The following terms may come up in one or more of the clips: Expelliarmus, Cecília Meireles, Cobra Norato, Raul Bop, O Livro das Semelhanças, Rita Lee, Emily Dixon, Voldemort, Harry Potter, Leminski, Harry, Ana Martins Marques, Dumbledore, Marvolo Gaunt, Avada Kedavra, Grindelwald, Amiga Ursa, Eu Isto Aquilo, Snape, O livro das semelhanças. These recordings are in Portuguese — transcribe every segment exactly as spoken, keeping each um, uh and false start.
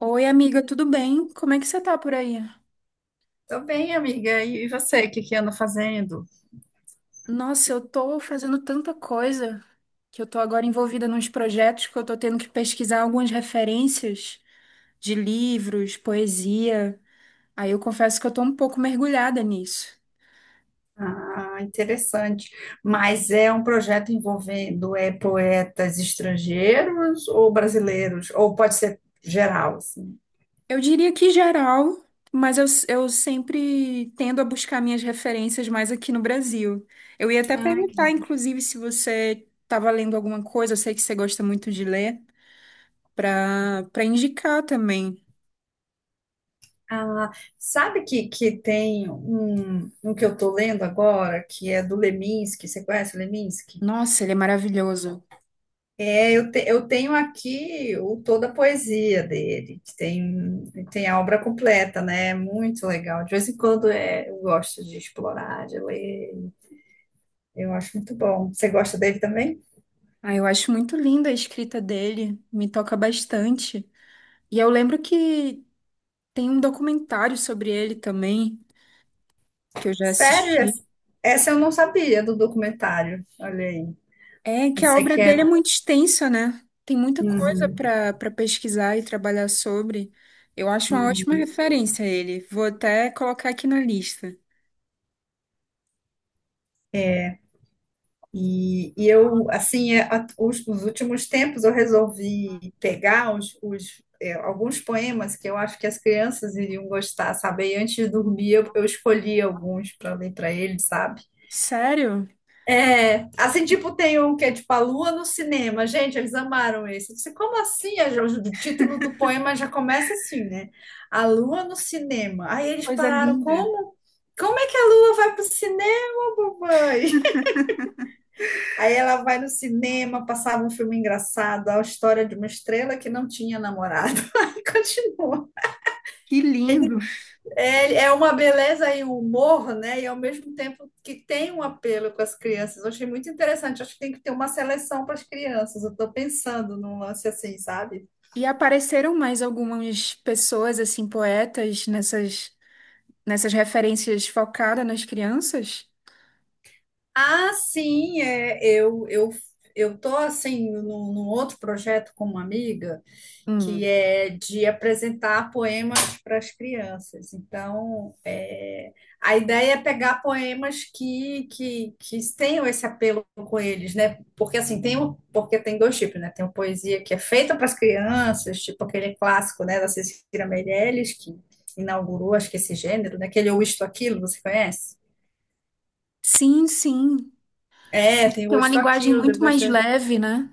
Oi, amiga, tudo bem? Como é que você tá por aí? Tô bem, amiga. E você, o que que anda fazendo? Nossa, eu tô fazendo tanta coisa que eu tô agora envolvida nos projetos que eu tô tendo que pesquisar algumas referências de livros, poesia. Aí eu confesso que eu tô um pouco mergulhada nisso. Ah, interessante. Mas é um projeto envolvendo é, poetas estrangeiros ou brasileiros? Ou pode ser geral, assim? Eu diria que geral, mas eu, eu sempre tendo a buscar minhas referências mais aqui no Brasil. Eu ia até Ai, que- perguntar, inclusive, se você estava lendo alguma coisa, eu sei que você gosta muito de ler, para para indicar também. Ah, sabe que, que tem um, um que eu tô lendo agora, que é do Leminski. Você conhece o Leminski? Nossa, ele é maravilhoso. É, Eu, te- eu tenho aqui o, toda a poesia dele, que tem, tem a obra completa, né? É muito legal. De vez em quando é, eu gosto de explorar, de ler. Eu acho muito bom. Você gosta dele também? Ah, eu acho muito linda a escrita dele, me toca bastante. E eu lembro que tem um documentário sobre ele também, que eu já Sério? assisti. Essa essa eu não sabia do documentário. Olha aí. É que a Você obra que dele é é. muito extensa, né? Tem muita coisa Uhum. para para pesquisar e trabalhar sobre. Eu acho uma ótima referência a ele. Vou até colocar aqui na lista. E, e eu, assim, é, a- os, nos últimos tempos eu resolvi pegar os, os, é, alguns poemas que eu acho que as crianças iriam gostar, sabe? E antes de dormir eu, eu escolhi alguns para ler para eles, sabe? Sério? É, assim, tipo, tem um que é tipo A Lua no Cinema. Gente, eles amaram esse. Eu disse, como assim? A- O título do poema já começa assim, né? A Lua no Cinema. Aí eles Coisa pararam, linda. como? Como é que a Lua vai pro cinema, mamãe? Aí ela vai no cinema, passava um filme engraçado, a história de uma estrela que não tinha namorado. Aí continua. Que lindo. Ele, é, é uma beleza e um humor, né? E ao mesmo tempo que tem um apelo com as crianças. Eu achei muito interessante. Acho que tem que ter uma seleção para as crianças. Eu estou pensando num lance assim, sabe? E apareceram mais algumas pessoas, assim, poetas nessas nessas referências focadas nas crianças? Ah, sim, é, eu, eu, eu tô assim num, num outro projeto com uma amiga que Hum. é de apresentar poemas para as crianças. Então, é, a ideia é pegar poemas que, que, que tenham esse apelo com eles, né? Porque assim tem um, porque tem dois tipos, né? Tem uma poesia que é feita para as crianças, tipo aquele clássico, né, da Cecília Meirelles, que inaugurou, acho que esse gênero, né? Aquele Eu Isto Aquilo, você conhece? Sim, sim. É, tem Tem o uma Isto linguagem Aquilo, muito depois mais tem. leve, né?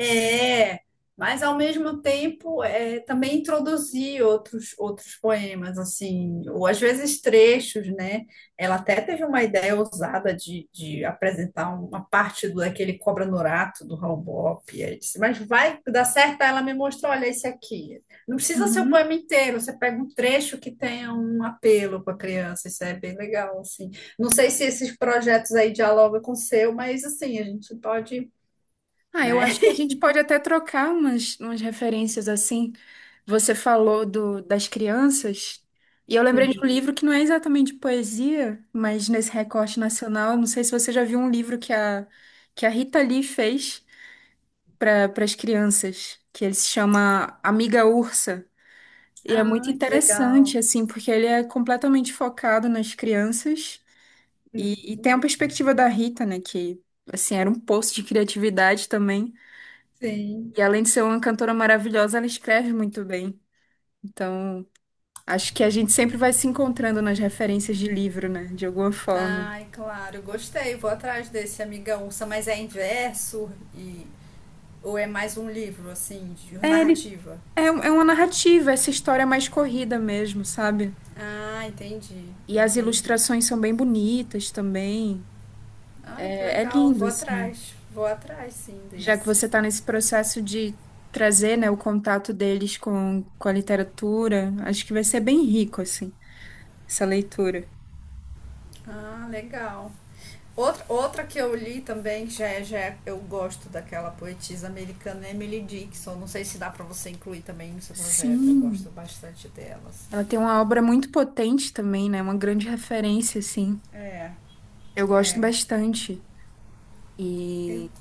É, mas ao mesmo tempo é, também introduzir outros, outros poemas, assim, ou às vezes trechos, né? Ela até teve uma ideia ousada de, de apresentar uma parte do, daquele Cobra Norato, do Raul Bop, e aí disse, mas vai dar certo. Aí ela me mostrou, olha, esse aqui. Não precisa ser o Uhum. poema inteiro, você pega um trecho que tenha um apelo para a criança, isso é bem legal, assim. Não sei se esses projetos aí dialogam com o seu, mas assim, a gente pode, Ah, eu né? acho que a gente pode até trocar umas, umas referências assim. Você falou do, das crianças, e eu lembrei de um livro que não é exatamente poesia, mas nesse recorte nacional, não sei se você já viu um livro que a, que a Rita Lee fez para as crianças, que ele se chama Amiga Ursa. E é Ah, muito que legal. interessante, assim, porque ele é completamente focado nas crianças Hum. e, e tem a perspectiva da Rita, né, que, assim, era um poço de criatividade também. Sim. E além de ser uma cantora maravilhosa, ela escreve muito bem. Então, acho que a gente sempre vai se encontrando nas referências de livro, né, de alguma forma. Ai, claro, gostei. Vou atrás desse Amiga Ursa, mas é inverso e ou é mais um livro assim, de É, ele, narrativa? é, um- é uma narrativa, essa história mais corrida mesmo, sabe? Ah, entendi. E as Entendi. ilustrações são bem bonitas também. Olha que É, é legal. lindo, Vou assim. atrás. Vou atrás sim Já que desse. você está nesse processo de trazer, né, o contato deles com, com a literatura, acho que vai ser bem rico, assim, essa leitura. Ah, legal. Outra, outra que eu li também, que já é, já é- eu gosto daquela poetisa americana, Emily Dixon. Não sei se dá pra você incluir também no seu projeto. Eu gosto Sim, bastante delas. ela tem uma obra muito potente também, né? Uma grande referência, assim. É. Eu gosto bastante. Eu- E,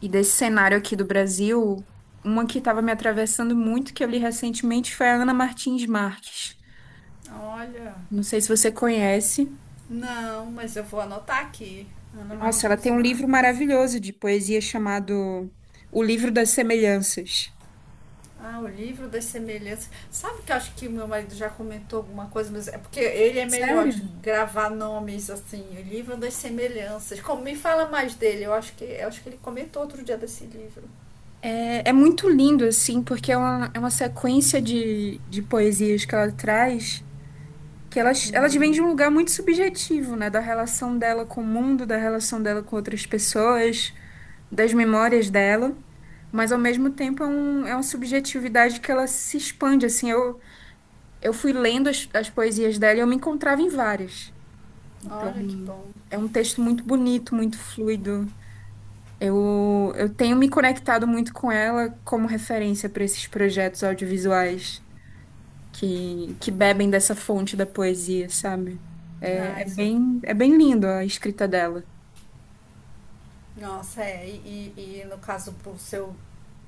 e desse cenário aqui do Brasil, uma que estava me atravessando muito, que eu li recentemente, foi a Ana Martins Marques. olha, Não sei se você conhece. não, mas eu vou anotar aqui. Ana Nossa, ela Martins tem um livro Marques. maravilhoso de poesia chamado O Livro das Semelhanças. Ah, o livro das semelhanças. Sabe que eu acho que meu marido já comentou alguma coisa, mas é porque ele é melhor de Sério? gravar nomes assim. O livro das semelhanças. Como me fala mais dele? Eu acho que eu acho que ele comentou outro dia desse livro. É, é muito lindo, assim, porque é uma, é uma sequência de, de poesias que ela traz, que elas, elas vêm de um lugar muito subjetivo, né? Da relação dela com o mundo, da relação dela com outras pessoas, das memórias dela. Mas, ao mesmo tempo, é, um, é uma subjetividade que ela se expande, assim. Eu, eu fui lendo as, as poesias dela e eu me encontrava em várias. Então, Olha que bom. é um texto muito bonito, muito fluido. Eu, eu tenho me conectado muito com ela como referência para esses projetos audiovisuais que, que bebem dessa fonte da poesia, sabe? É, Ah, é isso é. bem, é bem lindo a escrita dela. Nossa, é, e, e- e no caso pro seu,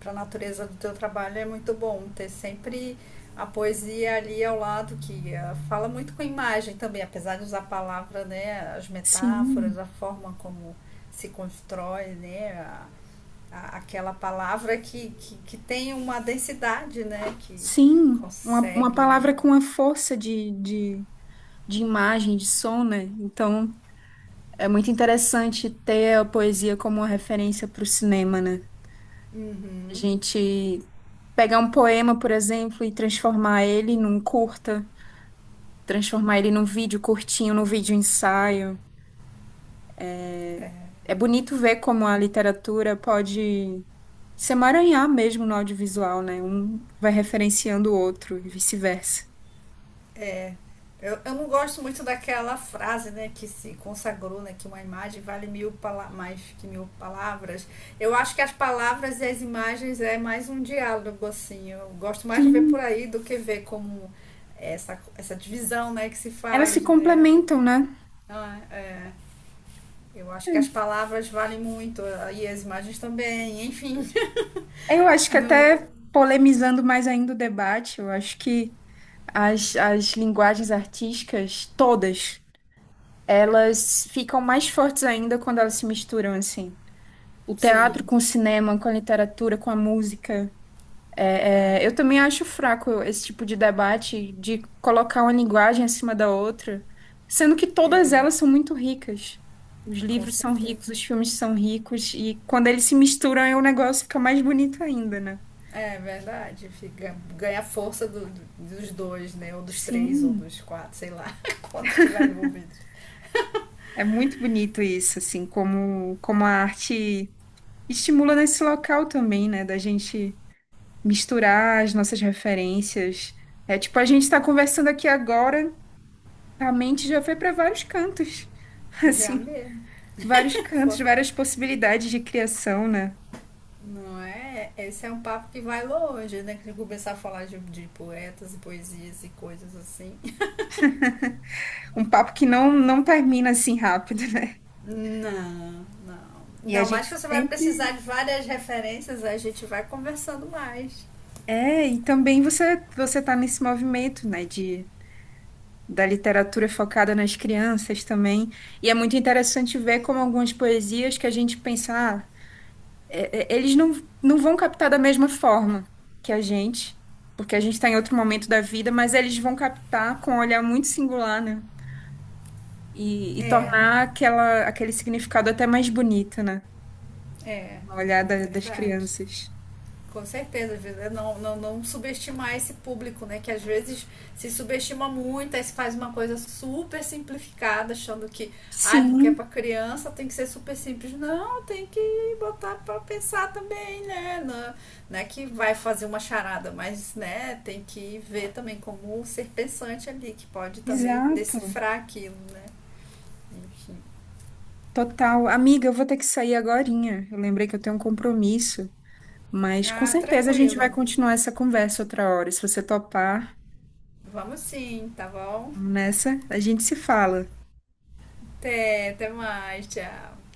para a natureza do teu trabalho é muito bom ter sempre a poesia ali ao lado que eh, fala muito com a imagem também, apesar de usar a palavra, né, as metáforas, Sim, a forma como se constrói, né, a- a- aquela palavra que, que, que tem uma densidade, né, que sim. Uma, uma palavra consegue. com a força de, de, de imagem, de som, né? Então, é muito interessante ter a poesia como uma referência para o cinema, né? A Uhum. gente pegar um poema, por exemplo, e transformar ele num curta, transformar ele num vídeo curtinho, num vídeo ensaio. É, É, é bonito ver como a literatura pode se emaranhar mesmo no audiovisual, né? Um vai referenciando o outro e vice-versa. Eu, eu não gosto muito daquela frase, né, que se consagrou, né, que uma imagem vale mil pala- mais que mil palavras. Eu acho que as palavras e as imagens é mais um diálogo, assim. Eu gosto mais de ver por Sim. aí do que ver como essa, essa divisão, né, que se Elas se faz, né. complementam, né? Ah, é. Eu acho que as palavras valem muito e as imagens também, enfim. Eu acho que No, até polemizando mais ainda o debate, eu acho que as, as linguagens artísticas, todas, elas ficam mais fortes ainda quando elas se misturam, assim. O teatro sim, com o cinema, com a literatura, com a música. É, é, eu também acho fraco esse tipo de debate de colocar uma linguagem acima da outra, sendo que todas é, elas são muito ricas. Os com livros são certeza. ricos, os filmes são ricos, e quando eles se misturam, aí o negócio fica mais bonito ainda, né? É verdade, fica, ganha força do- do- dos dois, né? Ou dos três, ou Sim, dos quatro, sei lá, quantos estiverem envolvidos. é muito bonito isso, assim, como, como a arte estimula nesse local também, né? Da gente misturar as nossas referências. É tipo, a gente está conversando aqui agora, a mente já foi para vários cantos, Já assim. mesmo. Vários cantos, Fo- várias possibilidades de criação, né? Não é? Esse é um papo que vai longe, né? Que se começar a falar de, de poetas e poesias e coisas assim. Um papo que não, não termina assim rápido, né? Não, não. E a Ainda gente mais que você vai precisar sempre. de várias referências, a gente vai conversando mais. É, e também você você tá nesse movimento, né, de da literatura focada nas crianças também. E é muito interessante ver como algumas poesias que a gente pensa, ah, é- é- eles não, não vão captar da mesma forma que a gente, porque a gente está em outro momento da vida, mas eles vão captar com um olhar muito singular, né? E, e É, tornar aquela, aquele significado até mais bonito, né? é, No olhar da- das verdade. crianças. Com certeza, é não, não, não subestimar esse público, né? Que às vezes se subestima muito, aí se faz uma coisa super simplificada, achando que, ai, porque é Sim, para criança, tem que ser super simples. Não, tem que botar para pensar também, né? Não, não é que vai fazer uma charada, mas, né, tem que ver também como ser pensante ali, que pode também exato. decifrar aquilo, né? Enfim. Total. Amiga, eu vou ter que sair agorinha. Eu lembrei que eu tenho um compromisso, mas com Ah, certeza a gente vai tranquilo. continuar essa conversa outra hora. Se você topar, Vamos sim, tá bom? vamos nessa, a gente se fala. Até, até mais, tchau.